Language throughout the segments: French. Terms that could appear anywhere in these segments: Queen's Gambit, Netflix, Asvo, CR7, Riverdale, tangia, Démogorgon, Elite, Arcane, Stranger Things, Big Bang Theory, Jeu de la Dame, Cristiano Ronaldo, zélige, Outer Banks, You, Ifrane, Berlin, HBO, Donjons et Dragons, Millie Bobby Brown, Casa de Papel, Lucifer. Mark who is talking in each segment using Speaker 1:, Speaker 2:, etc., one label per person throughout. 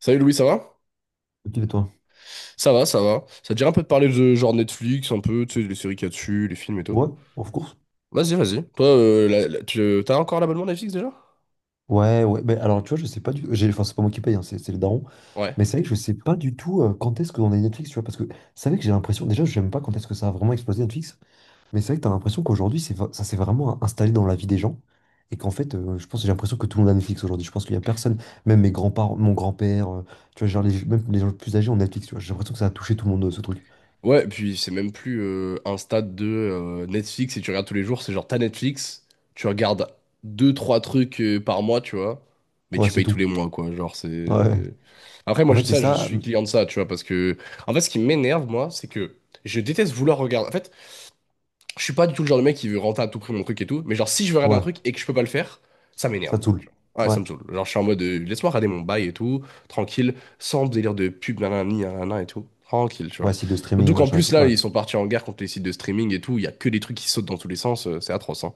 Speaker 1: Salut Louis, ça va?
Speaker 2: Ok, et toi?
Speaker 1: Ça va, ça va. Ça te dirait un peu de parler de genre Netflix, un peu, tu sais, les séries qu'il y a dessus, les films et tout.
Speaker 2: Ouais, of course.
Speaker 1: Vas-y, vas-y. Toi, t'as encore l'abonnement Netflix déjà?
Speaker 2: Ouais. Mais alors, tu vois, je sais pas du tout. Enfin, c'est pas moi qui paye, hein, c'est le daron.
Speaker 1: Ouais.
Speaker 2: Mais c'est vrai que je sais pas du tout quand est-ce que on a Netflix, tu vois. Parce que c'est vrai que j'ai l'impression. Déjà, j'aime pas quand est-ce que ça a vraiment explosé Netflix. Mais c'est vrai que t'as l'impression qu'aujourd'hui, ça s'est vraiment installé dans la vie des gens. Et qu'en fait, je pense j'ai l'impression que tout le monde a Netflix aujourd'hui. Je pense qu'il y a personne, même mes grands-parents, mon grand-père, tu vois, genre les, même les gens plus âgés ont Netflix, tu vois. J'ai l'impression que ça a touché tout le monde, ce truc.
Speaker 1: Ouais, puis c'est même plus un stade de Netflix et tu regardes tous les jours, c'est genre t'as Netflix, tu regardes deux, trois trucs par mois, tu vois, mais
Speaker 2: Ouais,
Speaker 1: tu
Speaker 2: c'est
Speaker 1: payes tous
Speaker 2: tout.
Speaker 1: les mois, quoi. Genre,
Speaker 2: Ouais.
Speaker 1: c'est. Après,
Speaker 2: En
Speaker 1: moi, je,
Speaker 2: fait, c'est
Speaker 1: ça, je
Speaker 2: ça.
Speaker 1: suis client de ça, tu vois, parce que. En fait, ce qui m'énerve, moi, c'est que je déteste vouloir regarder. En fait. Je suis pas du tout le genre de mec qui veut rentrer à tout prix mon truc et tout, mais genre si je veux regarder un
Speaker 2: Ouais,
Speaker 1: truc et que je peux pas le faire, ça m'énerve.
Speaker 2: ça te saoule.
Speaker 1: Tu Ouais, ça
Speaker 2: Ouais.
Speaker 1: me saoule. Genre je suis en mode laisse-moi regarder mon bail et tout, tranquille, sans délire de pub, nanani, nanana et tout. Tranquille, tu
Speaker 2: Ouais,
Speaker 1: vois.
Speaker 2: si de
Speaker 1: Surtout
Speaker 2: streaming,
Speaker 1: qu'en
Speaker 2: machin et
Speaker 1: plus
Speaker 2: tout.
Speaker 1: là,
Speaker 2: Ouais.
Speaker 1: ils sont partis en guerre contre les sites de streaming et tout, il y a que des trucs qui sautent dans tous les sens, c'est atroce, hein.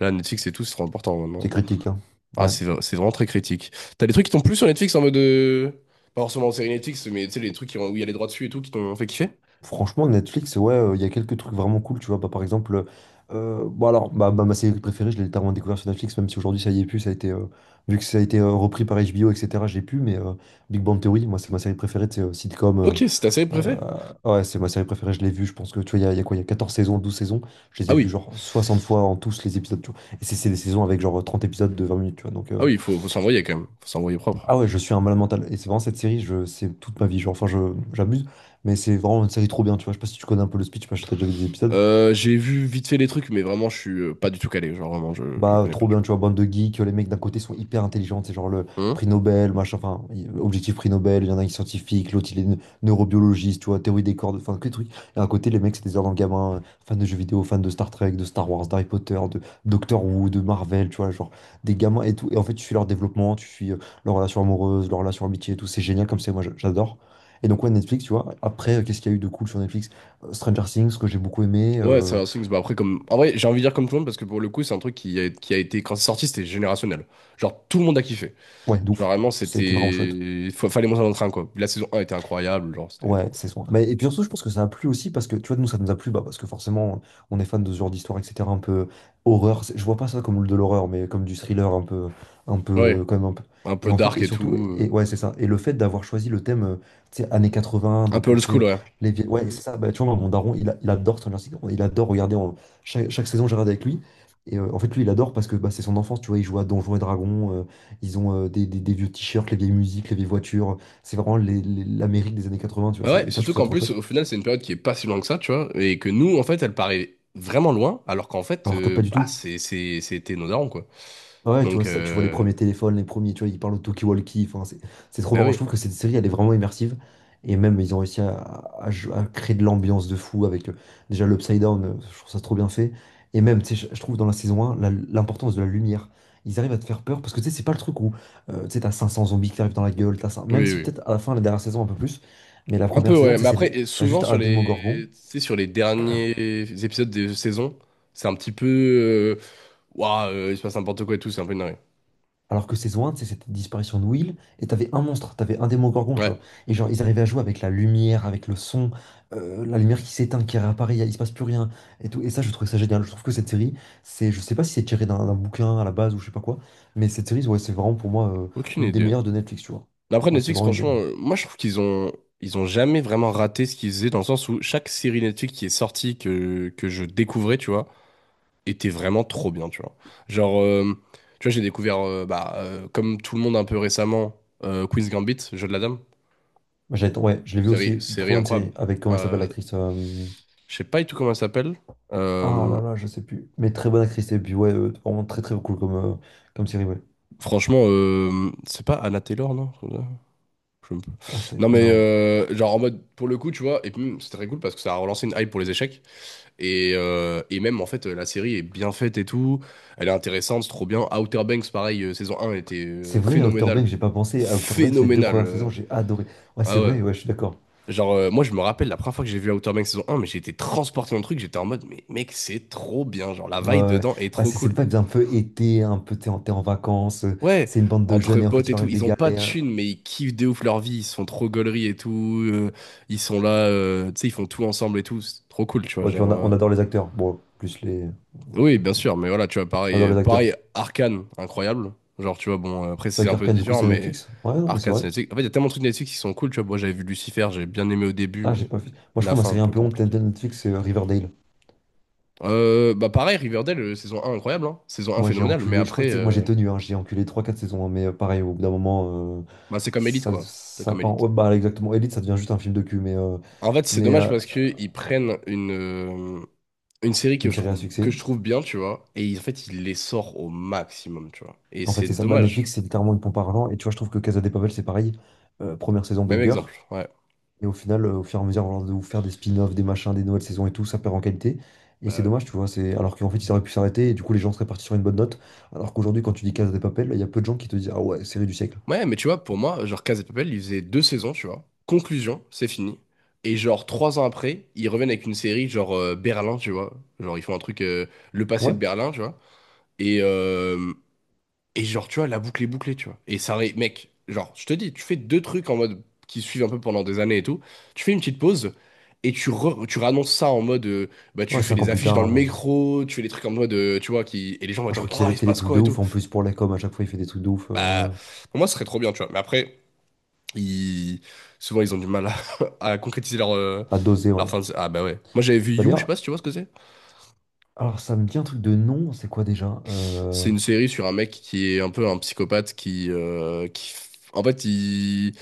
Speaker 1: Là, Netflix et tout, c'est trop important
Speaker 2: C'est
Speaker 1: maintenant.
Speaker 2: critique, hein.
Speaker 1: Ah,
Speaker 2: Ouais.
Speaker 1: c'est vraiment très critique. T'as des trucs qui t'ont plu sur Netflix en mode. Pas forcément en série Netflix, mais tu sais, les trucs qui ont- où il y a les droits dessus et tout qui t'ont fait kiffer?
Speaker 2: Franchement, Netflix, ouais, il y a quelques trucs vraiment cool, tu vois. Bah, par exemple, bon alors, ma série préférée, je l'ai littéralement découvert sur Netflix, même si aujourd'hui ça y est plus, ça a été, vu que ça a été repris par HBO, etc. J'ai pu, mais Big Bang Theory, moi, c'est ma série préférée, c'est sitcom.
Speaker 1: Ok, c'est ta série préférée?
Speaker 2: Ouais, c'est ma série préférée, je l'ai vue, je pense que, tu vois, il y a quoi, il y a 14 saisons, 12 saisons, je les
Speaker 1: Ah
Speaker 2: ai vues
Speaker 1: oui.
Speaker 2: genre 60 fois en tous les épisodes, tu vois. Et c'est des saisons avec genre 30 épisodes de 20 minutes, tu vois. Donc,
Speaker 1: Ah oui, il faut, faut s'envoyer quand même. Faut s'envoyer propre.
Speaker 2: ah ouais, je suis un malade mental. Et c'est vraiment cette série, je, c'est toute ma vie. Genre, j'abuse, mais c'est vraiment une série trop bien, tu vois. Je sais pas si tu connais un peu le speech, parce que t'as déjà vu des épisodes.
Speaker 1: J'ai vu vite fait les trucs, mais vraiment, je suis pas du tout calé. Genre, vraiment, je
Speaker 2: Bah,
Speaker 1: connais pas
Speaker 2: trop
Speaker 1: du tout.
Speaker 2: bien, tu vois, bande de geeks, les mecs d'un côté sont hyper intelligents, c'est genre le
Speaker 1: Hein.
Speaker 2: prix Nobel, machin, enfin, objectif prix Nobel, il y en a un qui est scientifique, l'autre il est neurobiologiste, tu vois, théorie des cordes, enfin, que des trucs. Et à côté, les mecs, c'est des dans le gamin, fans de jeux vidéo, fans de Star Trek, de Star Wars, d'Harry Potter, de Doctor Who, de Marvel, tu vois, genre, des gamins et tout. Et en fait, tu suis leur développement, tu suis leur relation amoureuse, leur relation amitié et tout, c'est génial comme c'est, moi, j'adore. Et donc, ouais, Netflix, tu vois, après, qu'est-ce qu'il y a eu de cool sur Netflix? Stranger Things, que j'ai beaucoup aimé,
Speaker 1: Ouais, c'est un Things. Bah, après, comme... En vrai, j'ai envie de dire comme tout le monde, parce que pour le coup, c'est un truc qui a été... Quand c'est sorti, c'était générationnel. Genre, tout le monde a kiffé.
Speaker 2: ouais, de
Speaker 1: Genre,
Speaker 2: ouf,
Speaker 1: vraiment,
Speaker 2: ça a été vraiment chouette.
Speaker 1: c'était... Fallait monter dans le train, quoi. La saison 1 était incroyable, genre, c'était trop
Speaker 2: Ouais,
Speaker 1: cool.
Speaker 2: c'est ça. Mais, et puis surtout, je pense que ça a plu aussi parce que, tu vois, nous, ça nous a plu bah, parce que forcément, on est fan de ce genre d'histoire, etc. Un peu horreur. Je vois pas ça comme de l'horreur, mais comme du thriller, un peu, un
Speaker 1: Ouais,
Speaker 2: peu, quand même un peu.
Speaker 1: un
Speaker 2: Et
Speaker 1: peu
Speaker 2: en fait,
Speaker 1: dark
Speaker 2: et
Speaker 1: et tout.
Speaker 2: surtout, et ouais, c'est ça. Et le fait d'avoir choisi le thème, tu sais, années 80,
Speaker 1: Un peu
Speaker 2: donc,
Speaker 1: old school, ouais.
Speaker 2: les vieilles. Ouais, c'est ça. Bah, tu vois, moi, mon daron, il adore Stranger Things. Il adore regarder. Chaque saison, je regarde avec lui. Et en fait, lui, il adore parce que bah, c'est son enfance, tu vois. Il joue à Donjons et Dragons. Ils ont des vieux t-shirts, les vieilles musiques, les vieilles voitures. C'est vraiment l'Amérique des années 80, tu vois.
Speaker 1: Bah ouais,
Speaker 2: Et ça, je
Speaker 1: surtout
Speaker 2: trouve ça
Speaker 1: qu'en
Speaker 2: trop
Speaker 1: plus,
Speaker 2: chouette.
Speaker 1: au final, c'est une période qui est pas si loin que ça, tu vois. Et que nous, en fait, elle paraît vraiment loin, alors qu'en fait,
Speaker 2: Alors que pas du
Speaker 1: bah,
Speaker 2: tout.
Speaker 1: c'est, c'était nos darons, quoi.
Speaker 2: Ah ouais, tu
Speaker 1: Donc,
Speaker 2: vois, ça, tu vois les
Speaker 1: euh...
Speaker 2: premiers téléphones, les premiers, tu vois, ils parlent au talkie-walkie. Enfin, c'est trop
Speaker 1: Bah
Speaker 2: marrant. Je
Speaker 1: oui.
Speaker 2: trouve que cette série, elle est vraiment immersive. Et même, ils ont réussi à créer de l'ambiance de fou avec déjà l'Upside Down. Je trouve ça trop bien fait. Et même, tu sais, je trouve dans la saison 1, l'importance de la lumière. Ils arrivent à te faire peur parce que tu sais, c'est pas le truc où tu sais, t'as 500 zombies qui t'arrivent dans la gueule. Même
Speaker 1: Oui,
Speaker 2: si
Speaker 1: oui.
Speaker 2: peut-être à la fin, la dernière saison, un peu plus. Mais la
Speaker 1: Un
Speaker 2: première
Speaker 1: peu,
Speaker 2: saison,
Speaker 1: ouais.
Speaker 2: tu sais,
Speaker 1: Mais après, et
Speaker 2: t'as
Speaker 1: souvent
Speaker 2: juste
Speaker 1: sur
Speaker 2: un démogorgon.
Speaker 1: tu sais, sur les derniers épisodes des saisons, c'est un petit peu. Ouah, il se passe n'importe quoi et tout, c'est un peu une dinguerie.
Speaker 2: Alors que saison 1, c'est cette disparition de Will, et t'avais un monstre, t'avais un démon-gorgon, tu
Speaker 1: Ouais,
Speaker 2: vois. Et genre, ils arrivaient à jouer avec la lumière, avec le son, la lumière qui s'éteint, qui réapparaît, il se passe plus rien, et tout. Et ça, je trouvais ça génial. Je trouve que cette série, c'est, je sais pas si c'est tiré d'un bouquin à la base ou je sais pas quoi, mais cette série, ouais, c'est vraiment pour moi
Speaker 1: aucune
Speaker 2: une des
Speaker 1: idée.
Speaker 2: meilleures de Netflix, tu vois.
Speaker 1: Mais après,
Speaker 2: Moi, c'est
Speaker 1: Netflix,
Speaker 2: vraiment une des
Speaker 1: franchement,
Speaker 2: meilleures.
Speaker 1: moi je trouve qu'ils ont. Ils ont jamais vraiment raté ce qu'ils faisaient dans le sens où chaque série Netflix qui est sortie que je découvrais, tu vois, était vraiment trop bien, tu vois. Genre, tu vois, j'ai découvert, comme tout le monde un peu récemment, Queen's Gambit, Jeu de la Dame.
Speaker 2: Ouais, je l'ai vu
Speaker 1: Série,
Speaker 2: aussi, très
Speaker 1: série
Speaker 2: bonne
Speaker 1: incroyable.
Speaker 2: série, avec comment elle s'appelle
Speaker 1: Euh,
Speaker 2: l'actrice.
Speaker 1: je sais pas du tout comment elle s'appelle.
Speaker 2: Ah
Speaker 1: Euh,
Speaker 2: là là, je sais plus. Mais très bonne actrice, et puis ouais, vraiment très très cool comme, comme série, ouais.
Speaker 1: Franchement, c'est pas Anna Taylor, non? Je sais pas.
Speaker 2: Ah, c'est...
Speaker 1: Non mais
Speaker 2: Non.
Speaker 1: genre en mode pour le coup tu vois et puis même, c'est très cool parce que ça a relancé une hype pour les échecs et même en fait la série est bien faite et tout, elle est intéressante, c'est trop bien. Outer Banks pareil, saison 1 était
Speaker 2: C'est vrai, à Outer
Speaker 1: phénoménale,
Speaker 2: Banks, j'ai pas pensé. À Outer Banks, les deux
Speaker 1: phénoménale
Speaker 2: premières saisons,
Speaker 1: euh.
Speaker 2: j'ai adoré. Ouais, c'est
Speaker 1: Ah ouais.
Speaker 2: vrai, ouais, je suis d'accord.
Speaker 1: Genre, moi, je me rappelle la première fois que j'ai vu Outer Banks saison 1, mais j'ai été transporté dans le truc. J'étais en mode, mais mec, c'est trop bien. Genre, la
Speaker 2: Ouais,
Speaker 1: vibe
Speaker 2: ouais.
Speaker 1: dedans est
Speaker 2: Bah,
Speaker 1: trop
Speaker 2: c'est
Speaker 1: cool.
Speaker 2: cette vibe un peu été, un peu t'es en vacances,
Speaker 1: Ouais,
Speaker 2: c'est une bande de
Speaker 1: entre
Speaker 2: jeunes et en fait
Speaker 1: potes
Speaker 2: il
Speaker 1: et
Speaker 2: leur
Speaker 1: tout,
Speaker 2: arrive des
Speaker 1: ils ont pas de
Speaker 2: galères.
Speaker 1: thunes, mais ils kiffent de ouf leur vie. Ils sont trop gauleries et tout. euh, Ils sont là, tu sais, ils font tout ensemble et tout. C'est trop cool, tu vois. Genre,
Speaker 2: On adore les acteurs. Bon, plus les.
Speaker 1: oui, bien sûr, mais voilà, tu vois,
Speaker 2: On adore les acteurs.
Speaker 1: pareil, Arcane, incroyable. Genre, tu vois, bon, après,
Speaker 2: C'est vrai
Speaker 1: c'est un peu
Speaker 2: qu'Arcane, du coup,
Speaker 1: différent,
Speaker 2: c'est
Speaker 1: mais
Speaker 2: Netflix? Ouais, non, mais c'est
Speaker 1: Arcane,
Speaker 2: vrai.
Speaker 1: c'est Netflix. En fait, il y a tellement de trucs Netflix qui sont cool, tu vois. Moi, j'avais vu Lucifer, j'ai bien aimé au début,
Speaker 2: Ah, j'ai
Speaker 1: mais
Speaker 2: pas vu. Moi, je
Speaker 1: la
Speaker 2: crois ma
Speaker 1: fin, un
Speaker 2: série un
Speaker 1: peu
Speaker 2: peu honte de
Speaker 1: compliquée.
Speaker 2: Netflix, c'est Riverdale.
Speaker 1: Bah pareil, Riverdale, saison 1 incroyable, hein. Saison 1
Speaker 2: Moi, j'ai
Speaker 1: phénoménale, mais
Speaker 2: enculé. Je crois
Speaker 1: après,
Speaker 2: que c'est que moi, j'ai tenu, hein, j'ai enculé trois quatre saisons, hein, mais pareil, au bout d'un moment,
Speaker 1: bah, c'est comme Elite, quoi. C'est
Speaker 2: ça
Speaker 1: comme
Speaker 2: part.
Speaker 1: Elite.
Speaker 2: Ouais, bah, exactement. Elite, ça devient juste un film de cul, mais, euh,
Speaker 1: En fait, c'est
Speaker 2: mais
Speaker 1: dommage
Speaker 2: euh,
Speaker 1: parce que ils prennent euh, une série
Speaker 2: une série à
Speaker 1: que
Speaker 2: succès.
Speaker 1: je trouve bien, tu vois, et ils en fait, ils les sortent au maximum, tu vois. Et
Speaker 2: En fait,
Speaker 1: c'est
Speaker 2: c'est ça. Bah,
Speaker 1: dommage.
Speaker 2: Netflix, c'est littéralement une pompe à argent. Et tu vois, je trouve que Casa de Papel, c'est pareil. Première saison
Speaker 1: Même
Speaker 2: banger.
Speaker 1: exemple, ouais.
Speaker 2: Et au final, au fur et à mesure genre, de vous faire des spin-offs, des machins, des nouvelles saisons et tout, ça perd en qualité. Et c'est
Speaker 1: Bah, ouais.
Speaker 2: dommage, tu vois. C'est... Alors qu'en fait, ils auraient pu s'arrêter et du coup, les gens seraient partis sur une bonne note. Alors qu'aujourd'hui, quand tu dis Casa de Papel, il y a peu de gens qui te disent ah ouais, série du siècle.
Speaker 1: Ouais, mais tu vois, pour moi, genre Casa de Papel, ils faisaient 2 saisons, tu vois. Conclusion, c'est fini. Et genre, 3 ans après, ils reviennent avec une série genre Berlin, tu vois. Genre, ils font un truc, le passé de
Speaker 2: Ouais.
Speaker 1: Berlin, tu vois. Et, et genre, tu vois, la boucle est bouclée, tu vois. Et ça aurait, mec, genre, je te dis, tu fais deux trucs en mode qui suivent un peu pendant des années et tout. Tu fais une petite pause et tu réannonces ça en mode, bah,
Speaker 2: Ouais,
Speaker 1: tu fais
Speaker 2: 5 ans
Speaker 1: des
Speaker 2: plus
Speaker 1: affiches dans le
Speaker 2: tard,
Speaker 1: métro, tu fais des trucs en mode, tu vois, qui, et les gens vont
Speaker 2: ah, je
Speaker 1: être en
Speaker 2: crois
Speaker 1: mode,
Speaker 2: qu'ils
Speaker 1: oh,
Speaker 2: avaient
Speaker 1: il se
Speaker 2: fait des
Speaker 1: passe
Speaker 2: trucs
Speaker 1: quoi
Speaker 2: de
Speaker 1: et tout.
Speaker 2: ouf. En plus, pour la com, à chaque fois, ils font des trucs de ouf.
Speaker 1: Bah,
Speaker 2: Ouais.
Speaker 1: pour moi, ce serait trop bien, tu vois. Mais après, ils... souvent, ils ont du mal à, à concrétiser leur,
Speaker 2: À doser,
Speaker 1: leur
Speaker 2: ouais.
Speaker 1: fin de. Ah, bah ouais. Moi, j'avais vu
Speaker 2: Bah
Speaker 1: You, je sais
Speaker 2: d'ailleurs,
Speaker 1: pas si tu vois ce que c'est.
Speaker 2: alors ça me dit un truc de nom, c'est quoi déjà?
Speaker 1: C'est une série sur un mec qui est un peu un psychopathe qui en fait,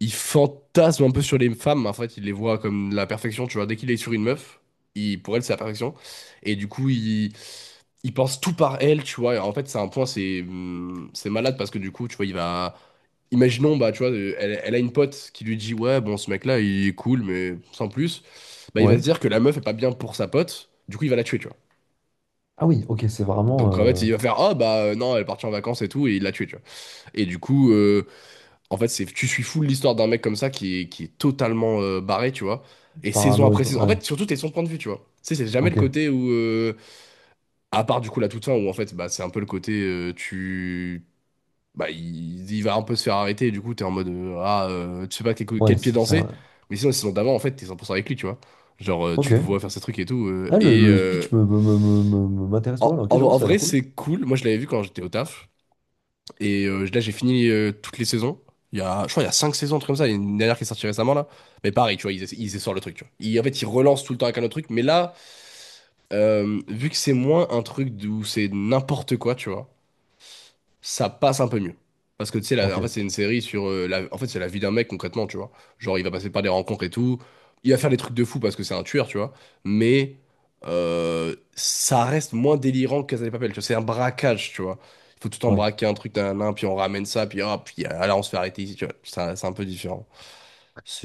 Speaker 1: il fantasme un peu sur les femmes. En fait, il les voit comme la perfection. Tu vois, dès qu'il est sur une meuf, il, pour elle, c'est la perfection. Et du coup, il pense tout par elle, tu vois. Et en fait, c'est un point, c'est malade parce que du coup, tu vois, il va. Imaginons, bah, tu vois, elle, elle a une pote qui lui dit, ouais, bon, ce mec-là, il est cool, mais sans plus. Bah, il va
Speaker 2: Ouais.
Speaker 1: se dire que la meuf est pas bien pour sa pote. Du coup, il va la tuer, tu vois.
Speaker 2: Ah oui, ok, c'est vraiment
Speaker 1: Donc en fait, il va faire ah bah non, elle est partie en vacances et tout et il l'a tué, tu vois. Et du coup en fait, c'est tu suis fou l'histoire d'un mec comme ça qui est totalement barré, tu vois. Et saison
Speaker 2: parano et
Speaker 1: après
Speaker 2: tout.
Speaker 1: saison, en
Speaker 2: Ouais.
Speaker 1: fait, surtout t'es son point de vue, tu vois. Tu sais, c'est jamais le
Speaker 2: Ok.
Speaker 1: côté où à part du coup la toute fin où en fait, bah c'est un peu le côté tu bah il va un peu se faire arrêter et du coup t'es en mode tu sais pas quel,
Speaker 2: Ouais,
Speaker 1: quel pied
Speaker 2: c'est
Speaker 1: danser.
Speaker 2: un...
Speaker 1: Mais sinon la saison d'avant en fait, t'es 100% avec lui, tu vois. Genre
Speaker 2: Ok.
Speaker 1: tu le vois faire ses trucs et tout
Speaker 2: Ah, le, le speech m'intéresse pas mal.
Speaker 1: en,
Speaker 2: Ok, j'avoue,
Speaker 1: en
Speaker 2: ça a
Speaker 1: vrai,
Speaker 2: l'air cool.
Speaker 1: c'est cool. Moi, je l'avais vu quand j'étais au taf. Et là, j'ai fini toutes les saisons. Il y a, je crois, il y a 5 saisons, un truc comme ça. Il y a une dernière qui est sortie récemment, là. Mais pareil, tu vois, ils, ils essorent le truc, tu vois. En fait, ils relancent tout le temps avec un autre truc. Mais là, vu que c'est moins un truc d'où c'est n'importe quoi, tu vois, ça passe un peu mieux. Parce que tu sais, la- en fait,
Speaker 2: Ok.
Speaker 1: c'est une série sur. La, en fait, c'est la vie d'un mec concrètement, tu vois. Genre, il va passer par des rencontres et tout. Il va faire des trucs de fou parce que c'est un tueur, tu vois. Mais ça reste moins délirant que Casa de Papel, tu vois. C'est un braquage, tu vois. Il faut tout le temps
Speaker 2: Ouais.
Speaker 1: braquer un truc d'un nain, puis on ramène ça, puis hop, puis ah, là, on se fait arrêter ici, tu vois. Ça- C'est un peu différent.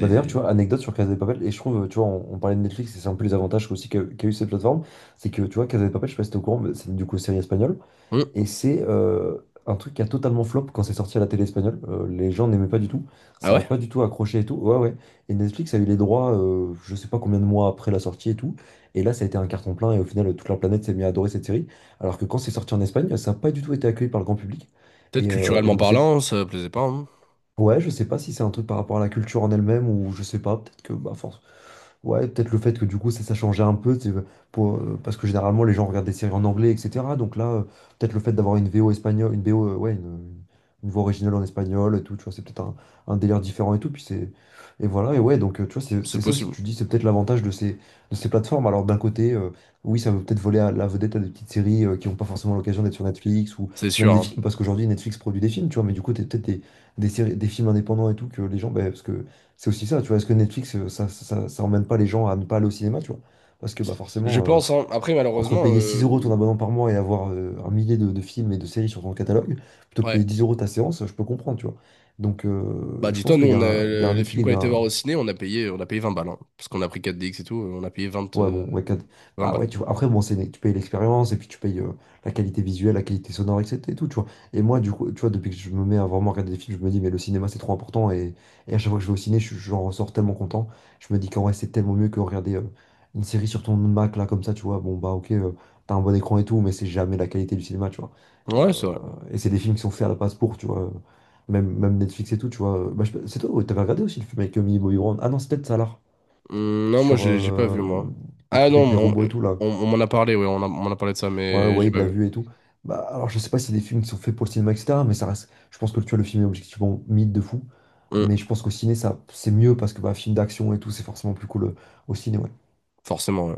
Speaker 2: Bah d'ailleurs, tu vois, anecdote sur Casa de Papel, et je trouve, tu vois, on parlait de Netflix, et c'est un peu les avantages aussi qu'a eu cette plateforme, c'est que, tu vois, Casa de Papel, je sais pas si t'es au courant, mais c'est du coup série espagnole.
Speaker 1: Hmm.
Speaker 2: Et c'est un truc qui a totalement flop quand c'est sorti à la télé espagnole. Les gens n'aimaient pas du tout.
Speaker 1: Ah
Speaker 2: Ça n'a
Speaker 1: ouais?
Speaker 2: pas du tout accroché et tout. Ouais, ouais. Et Netflix a eu les droits, je sais pas combien de mois après la sortie et tout. Et là, ça a été un carton plein. Et au final, toute la planète s'est mise à adorer cette série. Alors que quand c'est sorti en Espagne, ça n'a pas du tout été accueilli par le grand public.
Speaker 1: Peut-être
Speaker 2: Et
Speaker 1: culturellement
Speaker 2: donc, c'est
Speaker 1: parlant, ça plaisait pas, hein.
Speaker 2: ouais, je sais pas si c'est un truc par rapport à la culture en elle-même ou je sais pas, peut-être que bah force. Ouais, peut-être le fait que du coup ça changeait un peu, c'est pour, parce que généralement les gens regardent des séries en anglais, etc. Donc là, peut-être le fait d'avoir une VO espagnole, une VO, ouais, une voix originale en espagnol et tout, tu vois, c'est peut-être un délire différent et tout, puis c'est. Et voilà, et ouais, donc tu vois, c'est
Speaker 1: C'est
Speaker 2: c'est ça aussi,
Speaker 1: possible.
Speaker 2: tu dis, c'est peut-être l'avantage de ces plateformes. Alors d'un côté, oui, ça veut peut-être voler à la vedette à des petites séries qui n'ont pas forcément l'occasion d'être sur Netflix ou
Speaker 1: C'est sûr,
Speaker 2: même des
Speaker 1: hein.
Speaker 2: films, parce qu'aujourd'hui Netflix produit des films, tu vois, mais du coup, t'as peut-être des séries, des films indépendants et tout, que les gens, ben, parce que c'est aussi ça, tu vois, est-ce que Netflix, ça emmène pas les gens à ne pas aller au cinéma, tu vois? Parce que bah,
Speaker 1: Je
Speaker 2: forcément,
Speaker 1: pense, hein. Après,
Speaker 2: entre
Speaker 1: malheureusement.
Speaker 2: payer 6 euros ton abonnement par mois et avoir un millier de films et de séries sur ton catalogue, plutôt que payer
Speaker 1: Ouais.
Speaker 2: 10 euros ta séance, je peux comprendre, tu vois. Donc,
Speaker 1: Bah
Speaker 2: je
Speaker 1: dis-toi,
Speaker 2: pense
Speaker 1: nous
Speaker 2: qu'il y
Speaker 1: on
Speaker 2: a
Speaker 1: a
Speaker 2: un, il y a un
Speaker 1: le film
Speaker 2: équilibre,
Speaker 1: qu'on
Speaker 2: il y a
Speaker 1: était
Speaker 2: un,
Speaker 1: voir au ciné, on a payé 20 balles, hein, parce qu'on a pris 4DX et tout, on a payé 20
Speaker 2: ouais, bon, ouais, quatre-
Speaker 1: 20
Speaker 2: bah
Speaker 1: balles.
Speaker 2: ouais, tu vois. Après, bon, c'est tu payes l'expérience et puis tu payes la qualité visuelle, la qualité sonore, etc. et tout, tu vois. Et moi, du coup, tu vois, depuis que je me mets à vraiment regarder des films, je me dis, mais le cinéma, c'est trop important. Et à chaque fois que je vais au ciné, j'en ressors tellement content. Je me dis qu'en vrai, c'est tellement mieux que regarder une série sur ton Mac, là, comme ça, tu vois. Bon, bah, ok, t'as un bon écran et tout, mais c'est jamais la qualité du cinéma, tu vois. Et,
Speaker 1: Ouais,
Speaker 2: euh,
Speaker 1: c'est vrai.
Speaker 2: et c'est des films qui sont faits à la passe pour, tu vois. Même, même Netflix et tout, tu vois. Bah, c'est toi, ouais, t'avais regardé aussi le film avec Millie Bobby Brown. Ah non, c'est peut-être Salah
Speaker 1: Non, moi
Speaker 2: sur
Speaker 1: j'ai pas vu moi.
Speaker 2: le
Speaker 1: Ah
Speaker 2: truc
Speaker 1: non,
Speaker 2: avec les
Speaker 1: on,
Speaker 2: robots et tout, là.
Speaker 1: on m'en a parlé, ouais, on m'en a parlé de ça,
Speaker 2: Ouais,
Speaker 1: mais j'ai
Speaker 2: Wade
Speaker 1: pas
Speaker 2: l'a
Speaker 1: vu.
Speaker 2: vu et tout. Bah, alors, je sais pas si des films qui sont faits pour le cinéma, etc., mais ça reste. Je pense que tu vois, le film est objectivement mythe de fou.
Speaker 1: Hum,
Speaker 2: Mais je pense qu'au ciné, ça, c'est mieux parce que bah, film d'action et tout, c'est forcément plus cool au ciné. Ouais.
Speaker 1: forcément, ouais.